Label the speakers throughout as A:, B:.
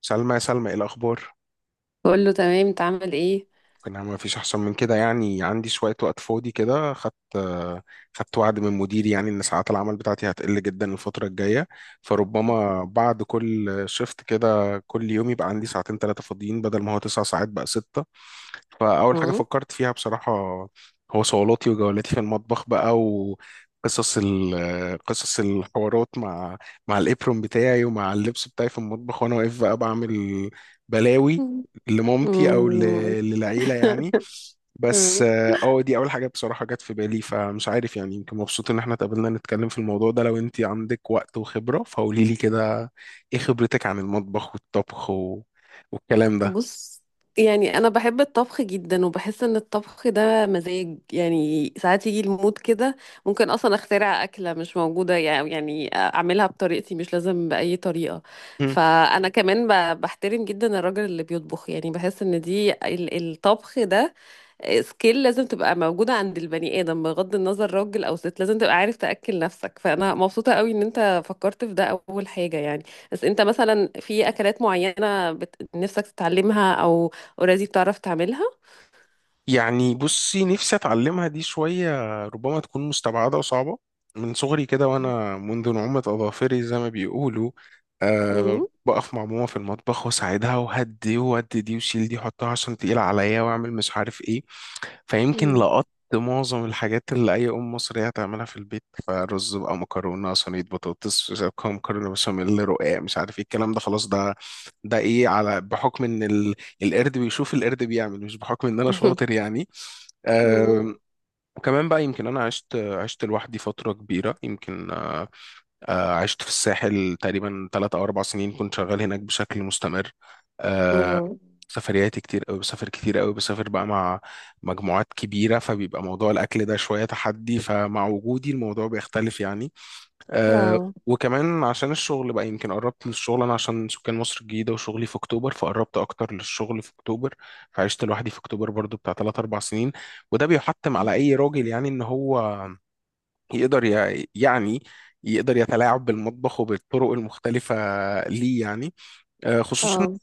A: سلمى، يا سلمى، ايه الاخبار؟
B: بقول له تمام، انت عامل ايه؟
A: انا ما فيش احسن من كده. يعني عندي شويه وقت فاضي كده، خدت وعد من مديري يعني ان ساعات العمل بتاعتي هتقل جدا الفتره الجايه. فربما بعد كل شيفت كده كل يوم يبقى عندي ساعتين ثلاثه فاضيين بدل ما هو 9 ساعات بقى 6. فأول حاجة
B: مم.
A: فكرت فيها بصراحة هو صولاتي وجولاتي في المطبخ بقى، وقصص قصص الحوارات مع الإبرون بتاعي ومع اللبس بتاعي في المطبخ وأنا واقف بقى بعمل بلاوي
B: مم.
A: لمامتي أو
B: مم.
A: للعيلة يعني. بس
B: آه.
A: دي أول حاجة بصراحة جت في بالي. فمش عارف يعني، يمكن مبسوط إن احنا اتقابلنا نتكلم في الموضوع ده. لو أنت عندك وقت وخبرة فقولي لي كده، إيه خبرتك عن المطبخ والطبخ والكلام ده؟
B: بص، يعني انا بحب الطبخ جدا وبحس ان الطبخ ده مزاج. يعني ساعات يجي المود كده ممكن اصلا اخترع اكله مش موجوده. يعني اعملها بطريقتي مش لازم باي طريقه. فانا كمان بحترم جدا الراجل اللي بيطبخ. يعني بحس ان دي الطبخ ده سكيل لازم تبقى موجودة عند البني آدم، بغض النظر راجل أو ست لازم تبقى عارف تأكل نفسك. فأنا مبسوطة قوي إن أنت فكرت في ده أول حاجة. يعني بس أنت مثلا في أكلات معينة نفسك تتعلمها أو أوريدي بتعرف تعملها؟
A: يعني بصي، نفسي اتعلمها دي شوية. ربما تكون مستبعدة وصعبة. من صغري كده وانا منذ نعومة اظافري زي ما بيقولوا،
B: مم.
A: بقف مع ماما في المطبخ واساعدها وهدي وودي دي وشيل دي حطها عشان تقيلة عليا واعمل مش عارف ايه. فيمكن
B: مم.
A: لقطت معظم الحاجات اللي أي أم مصرية هتعملها في البيت، فرز بقى، مكرونة صينية، بطاطس، مش عارف مكرونة بشاميل، رقاق، مش عارف ايه الكلام ده. خلاص ده ايه على بحكم ان القرد بيشوف القرد بيعمل، مش بحكم ان انا شاطر يعني.
B: مم.
A: وكمان بقى يمكن انا عشت لوحدي فتره كبيره يمكن. عشت في الساحل تقريبا 3 أو 4 سنين كنت شغال هناك بشكل مستمر. آه،
B: اه
A: سفرياتي كتير قوي، بسافر كتير قوي، بسافر بقى مع مجموعات كبيره، فبيبقى موضوع الاكل ده شويه تحدي، فمع وجودي الموضوع بيختلف يعني. أه
B: اه
A: وكمان عشان الشغل بقى، يمكن قربت من الشغل انا عشان سكان مصر الجديده وشغلي في اكتوبر، فقربت اكتر للشغل في اكتوبر. فعشت لوحدي في اكتوبر برضو بتاع 3 4 سنين. وده بيحتم على اي راجل يعني ان هو يقدر يعني يقدر يتلاعب بالمطبخ وبالطرق المختلفه. ليه يعني؟ خصوصا
B: اه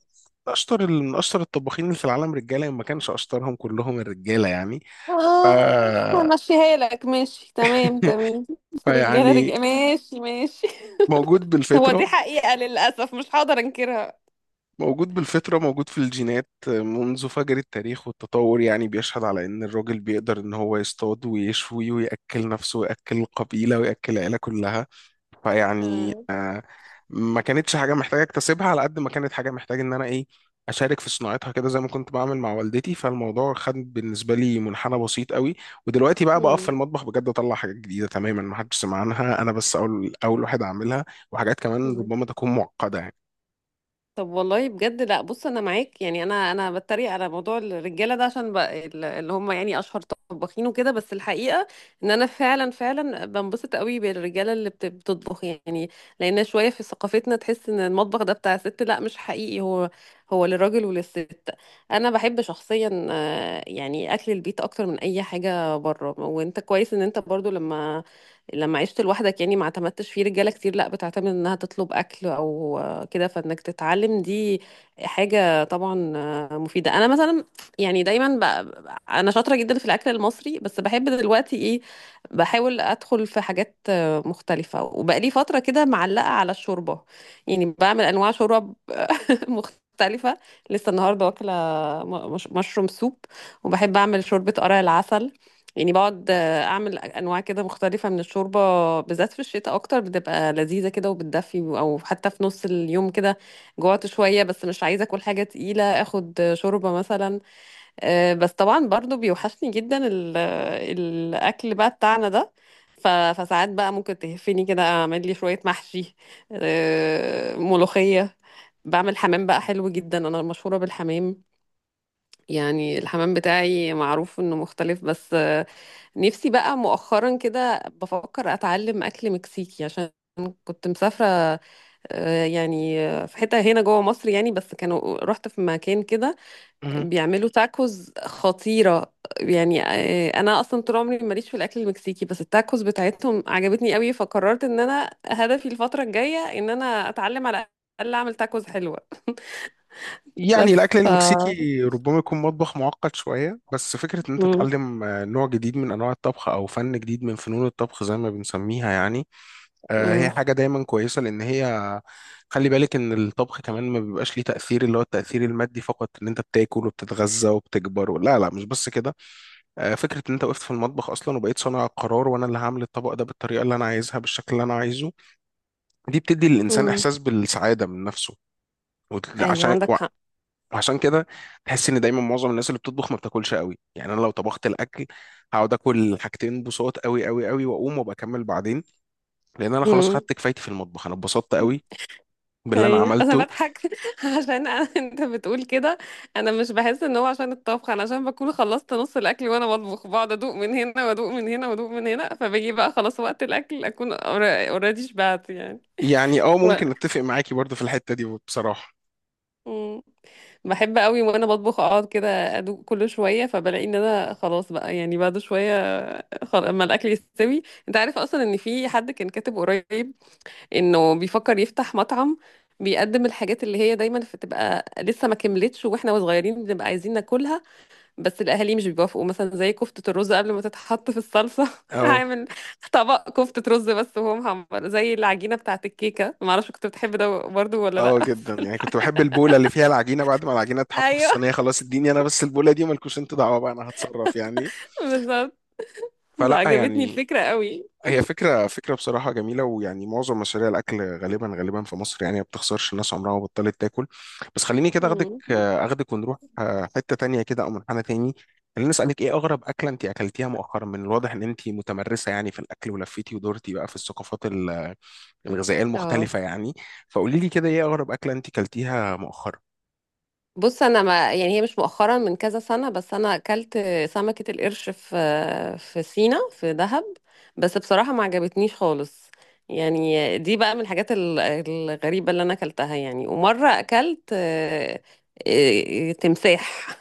A: اشطر من اشطر الطباخين اللي في العالم رجاله، إن ما كانش اشطرهم كلهم الرجاله يعني.
B: همشيها لك. ماشي، تمام تمام. رجالة
A: فيعني
B: رجالة، ماشي ماشي.
A: موجود
B: هو دي
A: بالفطره،
B: حقيقة، للأسف مش هقدر أنكرها.
A: موجود بالفطرة، موجود في الجينات. منذ فجر التاريخ والتطور يعني بيشهد على إن الراجل بيقدر إن هو يصطاد ويشوي ويأكل نفسه ويأكل القبيلة ويأكل العيلة كلها. فيعني
B: آه.
A: ما كانتش حاجة محتاجة اكتسبها، على قد ما كانت حاجة محتاجة إن أنا إيه، أشارك في صناعتها كده زي ما كنت بعمل مع والدتي. فالموضوع خد بالنسبة لي منحنى بسيط قوي. ودلوقتي بقى بقف في
B: مم.
A: المطبخ بجد، أطلع حاجات جديدة تماما ما حدش سمع عنها، أنا بس أول واحد أعملها. وحاجات كمان
B: مم.
A: ربما تكون معقدة يعني.
B: طب والله بجد لا. بص، انا معاك. يعني انا بتريق على موضوع الرجاله ده، عشان بقى اللي هم يعني اشهر طباخين وكده. بس الحقيقه ان انا فعلا فعلا بنبسط قوي بالرجاله اللي بتطبخ. يعني لان شويه في ثقافتنا تحس ان المطبخ ده بتاع ست. لا، مش حقيقي، هو هو للراجل وللست. انا بحب شخصيا يعني اكل البيت اكتر من اي حاجه بره. وانت كويس ان انت برضو لما عشت لوحدك يعني ما اعتمدتش في رجاله كتير، لا بتعتمد انها تطلب اكل او كده، فانك تتعلم دي حاجه طبعا مفيده. انا مثلا يعني انا شاطره جدا في الاكل المصري. بس بحب دلوقتي ايه، بحاول ادخل في حاجات مختلفه. وبقالي فتره كده معلقه على الشوربه. يعني بعمل انواع شوربه مختلفة. لسه النهاردة واكلة مشروم سوب. وبحب أعمل شوربة قرع العسل. يعني بقعد أعمل أنواع كده مختلفة من الشوربة، بالذات في الشتاء أكتر بتبقى لذيذة كده وبتدفي. أو حتى في نص اليوم كده جوعت شوية بس مش عايزة أكل حاجة تقيلة، آخد شوربة مثلا. بس طبعا برضو بيوحشني جدا الأكل بقى بتاعنا ده. فساعات بقى ممكن تهفني كده أعمل لي شوية محشي، ملوخية. بعمل حمام بقى حلو جدا، انا مشهورة بالحمام. يعني الحمام بتاعي معروف انه مختلف. بس نفسي بقى مؤخرا كده بفكر اتعلم اكل مكسيكي، عشان كنت مسافرة. يعني في حتة هنا جوه مصر يعني، بس كانوا رحت في مكان كده بيعملوا تاكوز خطيرة. يعني انا اصلا طول عمري ماليش في الاكل المكسيكي، بس التاكوز بتاعتهم عجبتني قوي. فقررت ان انا هدفي الفترة الجاية ان انا اتعلم على الاقل اعمل تاكوز حلوة.
A: يعني
B: بس
A: الأكل
B: ف
A: المكسيكي ربما يكون مطبخ معقد شوية، بس فكرة إن أنت
B: مم.
A: تتعلم نوع جديد من أنواع الطبخ أو فن جديد من فنون الطبخ زي ما بنسميها يعني، هي
B: مم.
A: حاجة دايما كويسة، لأن هي خلي بالك إن الطبخ كمان ما بيبقاش ليه تأثير اللي هو التأثير المادي فقط، إن أنت بتاكل وبتتغذى وبتكبر لا لا، مش بس كده. فكرة إن أنت وقفت في المطبخ أصلا وبقيت صانع القرار، وأنا اللي هعمل الطبق ده بالطريقة اللي أنا عايزها بالشكل اللي أنا عايزه، دي بتدي للإنسان
B: مم.
A: إحساس بالسعادة من نفسه. وت-
B: ايوه
A: عشان
B: عندك حق.
A: عشان كده تحس ان دايما معظم الناس اللي بتطبخ ما بتاكلش قوي. يعني انا لو طبخت الاكل هقعد اكل حاجتين بصوت قوي قوي قوي واقوم وبكمل بعدين، لان انا خلاص
B: مم.
A: خدت كفايتي في المطبخ، انا اتبسطت قوي باللي انا
B: ايوه انا
A: عملته.
B: بضحك عشان أنا انت بتقول كده. انا مش بحس ان هو عشان الطبخ، انا عشان بكون خلصت نص الاكل وانا بطبخ، بقعد ادوق من هنا وادوق من هنا وادوق من هنا. فبيجي بقى خلاص وقت الاكل اكون اوريدي شبعت يعني.
A: يعني اه،
B: و...
A: ممكن اتفق معاكي برضو في الحتة دي بصراحة.
B: مم. بحب قوي وانا بطبخ اقعد كده ادوق كل شويه، فبلاقي ان انا خلاص بقى يعني بعد شويه اما الاكل يستوي. انت عارف اصلا ان في حد كان كاتب قريب انه بيفكر يفتح مطعم بيقدم الحاجات اللي هي دايما بتبقى لسه ما كملتش واحنا صغيرين بنبقى عايزين ناكلها، بس الاهالي مش بيوافقوا. مثلا زي كفتة الرز قبل ما تتحط في الصلصة.
A: اه
B: هعمل طبق كفتة رز بس وهو محمر زي العجينة بتاعة الكيكة. ما اعرفش كنت بتحب ده برضو ولا لا؟
A: اه، جدا يعني كنت بحب البوله اللي فيها العجينه بعد ما العجينه تتحط في
B: ايوه
A: الصينيه. خلاص اديني انا بس البوله دي، ومالكوش انتوا دعوه بقى، انا هتصرف يعني.
B: بالظبط.
A: فلا
B: عجبتني
A: يعني،
B: الفكرة قوي.
A: هي فكرة فكرة بصراحة جميلة. ويعني معظم مشاريع الأكل غالبا غالبا في مصر يعني ما بتخسرش، الناس عمرها ما بطلت تاكل. بس خليني كده أخدك
B: مم.
A: أخدك ونروح حتة تانية كده أو منحنى تاني. خليني أسألك، إيه أغرب أكلة أنت أكلتيها مؤخرا؟ من الواضح إن أنت متمرسة يعني في الأكل، ولفيتي ودورتي بقى في الثقافات الغذائية
B: اه.
A: المختلفة يعني. فقولي لي كده، إيه أغرب أكلة أنت أكلتيها مؤخرا؟
B: بص انا ما يعني هي مش مؤخرا، من كذا سنه، بس انا اكلت سمكه القرش في سينا في دهب. بس بصراحه ما عجبتنيش خالص. يعني دي بقى من الحاجات الغريبه اللي انا اكلتها. يعني ومره اكلت تمساح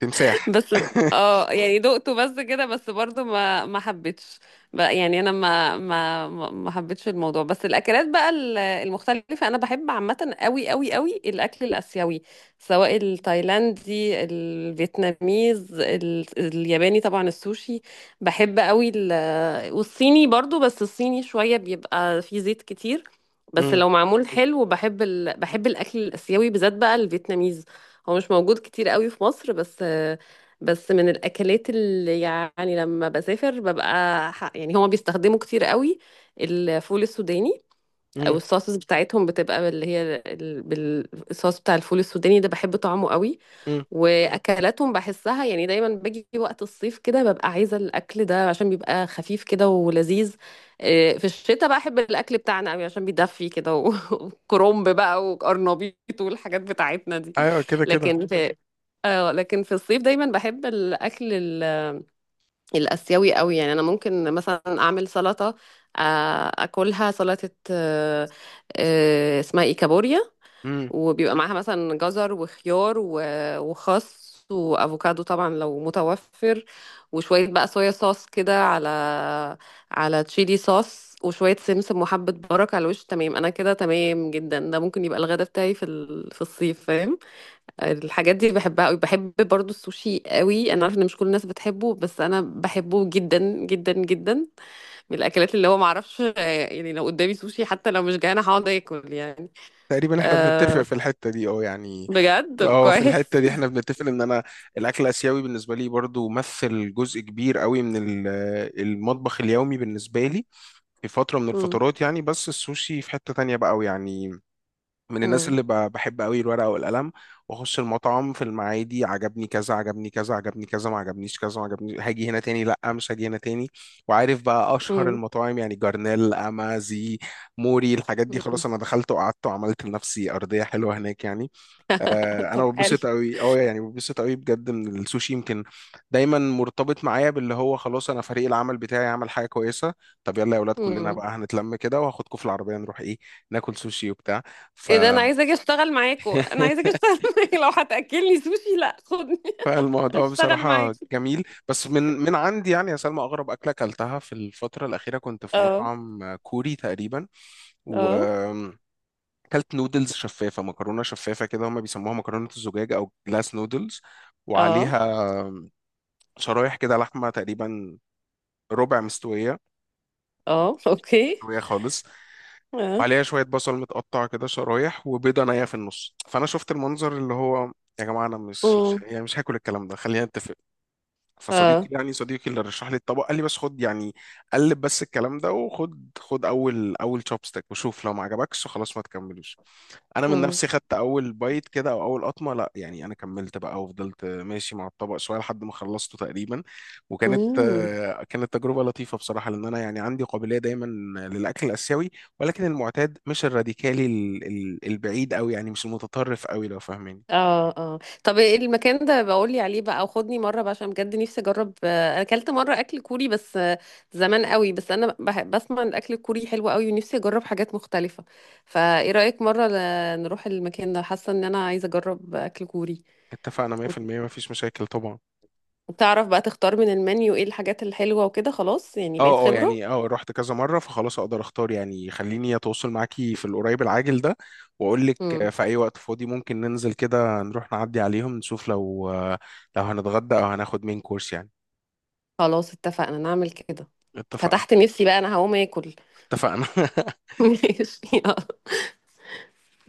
A: تمساح؟
B: بس. اه يعني دقته بس كده، بس برضو ما حبيتش بقى. يعني انا ما حبيتش الموضوع. بس الاكلات بقى المختلفه، انا بحب عامه قوي قوي قوي الاكل الاسيوي، سواء التايلاندي، الفيتناميز، الياباني، طبعا السوشي بحب قوي والصيني برضو. بس الصيني شويه بيبقى فيه زيت كتير، بس
A: امم.
B: لو معمول حلو بحب بحب الاكل الاسيوي، بالذات بقى الفيتناميز. هو مش موجود كتير قوي في مصر، بس من الاكلات اللي يعني لما بسافر ببقى يعني هما بيستخدموا كتير قوي الفول السوداني. او
A: امم.
B: الصوصز بتاعتهم بتبقى اللي هي الصوص بتاع الفول السوداني ده، بحب طعمه قوي.
A: امم.
B: واكلاتهم بحسها يعني دايما باجي وقت الصيف كده ببقى عايزه الاكل ده عشان بيبقى خفيف كده ولذيذ. إيه، في الشتاء بقى احب الاكل بتاعنا قوي عشان بيدفي كده وكرنب بقى وقرنبيط والحاجات بتاعتنا دي.
A: أيوه، كده كده.
B: لكن في اه لكن في الصيف دايما بحب الاكل الاسيوي قوي. يعني انا ممكن مثلا اعمل سلطه، اكلها سلطه. اسمها ايه، كابوريا. وبيبقى معاها مثلا جزر وخيار وخس وافوكادو، طبعا لو متوفر. وشويه بقى صويا صوص كده على تشيلي صوص وشويه سمسم وحبه بركه على الوش. تمام، انا كده تمام جدا. ده ممكن يبقى الغدا بتاعي في في الصيف، فاهم. الحاجات دي بحبها قوي. بحب برضو السوشي قوي، انا عارفه ان مش كل الناس بتحبه، بس انا بحبه جدا جدا جدا. من الاكلات اللي هو معرفش. يعني لو قدامي سوشي حتى لو مش جعانه هقعد اكل يعني.
A: تقريبا احنا بنتفق
B: أه
A: في الحتة دي، اه يعني.
B: بجد. طب
A: اه، في الحتة
B: كويس.
A: دي احنا بنتفق، ان انا الاكل الاسيوي بالنسبة لي برضو مثل جزء كبير قوي من المطبخ اليومي بالنسبة لي في فترة من
B: مم،
A: الفترات يعني. بس السوشي في حتة تانية بقى يعني. من الناس
B: مم،
A: اللي بحب قوي الورقه والقلم، واخش المطعم في المعادي، عجبني كذا، عجبني كذا، عجبني كذا، ما عجبنيش كذا، ما عجبنيش هاجي هنا تاني، لا مش هاجي هنا تاني. وعارف بقى اشهر
B: مم،
A: المطاعم يعني، جرنيل، اما زي موري، الحاجات دي
B: مم.
A: خلاص، انا دخلت وقعدت وعملت لنفسي ارضيه حلوه هناك يعني. انا
B: طب حلو.
A: ببسط قوي، اه يعني، ببسط قوي بجد من السوشي يمكن. دايما مرتبط معايا باللي هو خلاص انا فريق العمل بتاعي عمل حاجه كويسه، طب يلا يا اولاد كلنا
B: مم.
A: بقى هنتلم كده وهاخدكم في العربيه نروح ايه، ناكل سوشي وبتاع. ف
B: ايه ده، انا عايزه اجي اشتغل معاكو، انا عايزه اجي اشتغل معاكو. لو هتاكلني سوشي لا، خدني.
A: فالموضوع
B: اشتغل
A: بصراحة
B: معاكو.
A: جميل. بس من عندي يعني يا سلمى، أغرب أكلة أكلتها في الفترة الأخيرة كنت في
B: اه
A: مطعم كوري تقريبا، و
B: اه
A: أكلت نودلز شفافة، مكرونة شفافة كده، هما بيسموها مكرونة الزجاج أو جلاس نودلز،
B: اه
A: وعليها شرايح كده لحمة تقريبا ربع مستوية،
B: اه اوكي.
A: مستوية خالص،
B: اه.
A: وعليها شوية بصل متقطع كده شرايح، وبيضة نية في النص. فأنا شفت المنظر اللي هو، يا جماعة أنا مش مش
B: مم،
A: يعني مش هاكل الكلام ده، خلينا نتفق. فصديقي
B: اه.
A: يعني صديقي اللي رشح لي الطبق قال لي بس خد يعني، قلب بس الكلام ده، وخد اول تشوبستيك وشوف، لو ما عجبكش خلاص ما تكملوش. انا من
B: مم.
A: نفسي خدت اول بايت كده او اول قطمه، لا يعني انا كملت بقى وفضلت ماشي مع الطبق شويه لحد ما خلصته تقريبا. وكانت
B: امم.
A: آه، كانت تجربه لطيفه بصراحه، لان انا يعني عندي قابليه دايما للاكل الاسيوي، ولكن المعتاد مش الراديكالي البعيد قوي يعني، مش المتطرف قوي لو فاهماني.
B: اه اه طب ايه المكان ده، بقولي عليه بقى او خدني مره بقى، عشان بجد نفسي اجرب. انا اكلت مره اكل كوري بس زمان قوي. بس انا بسمع ان الاكل الكوري حلو قوي ونفسي اجرب حاجات مختلفه. فايه رايك مره نروح المكان ده؟ حاسه ان انا عايزه اجرب اكل كوري.
A: اتفقنا
B: وت-
A: 100% مفيش مشاكل طبعا.
B: وتعرف بقى تختار من المنيو ايه الحاجات الحلوه وكده، خلاص يعني بقيت
A: اه اه
B: خبره.
A: يعني، اه رحت كذا مرة فخلاص اقدر اختار يعني. خليني اتواصل معاكي في القريب العاجل ده، واقول لك
B: امم.
A: في اي وقت فاضي ممكن ننزل كده، نروح نعدي عليهم، نشوف لو هنتغدى او هناخد مين كورس يعني.
B: خلاص اتفقنا نعمل كده.
A: اتفقنا.
B: فتحت نفسي بقى، انا هقوم اكل.
A: اتفقنا.
B: ماشي.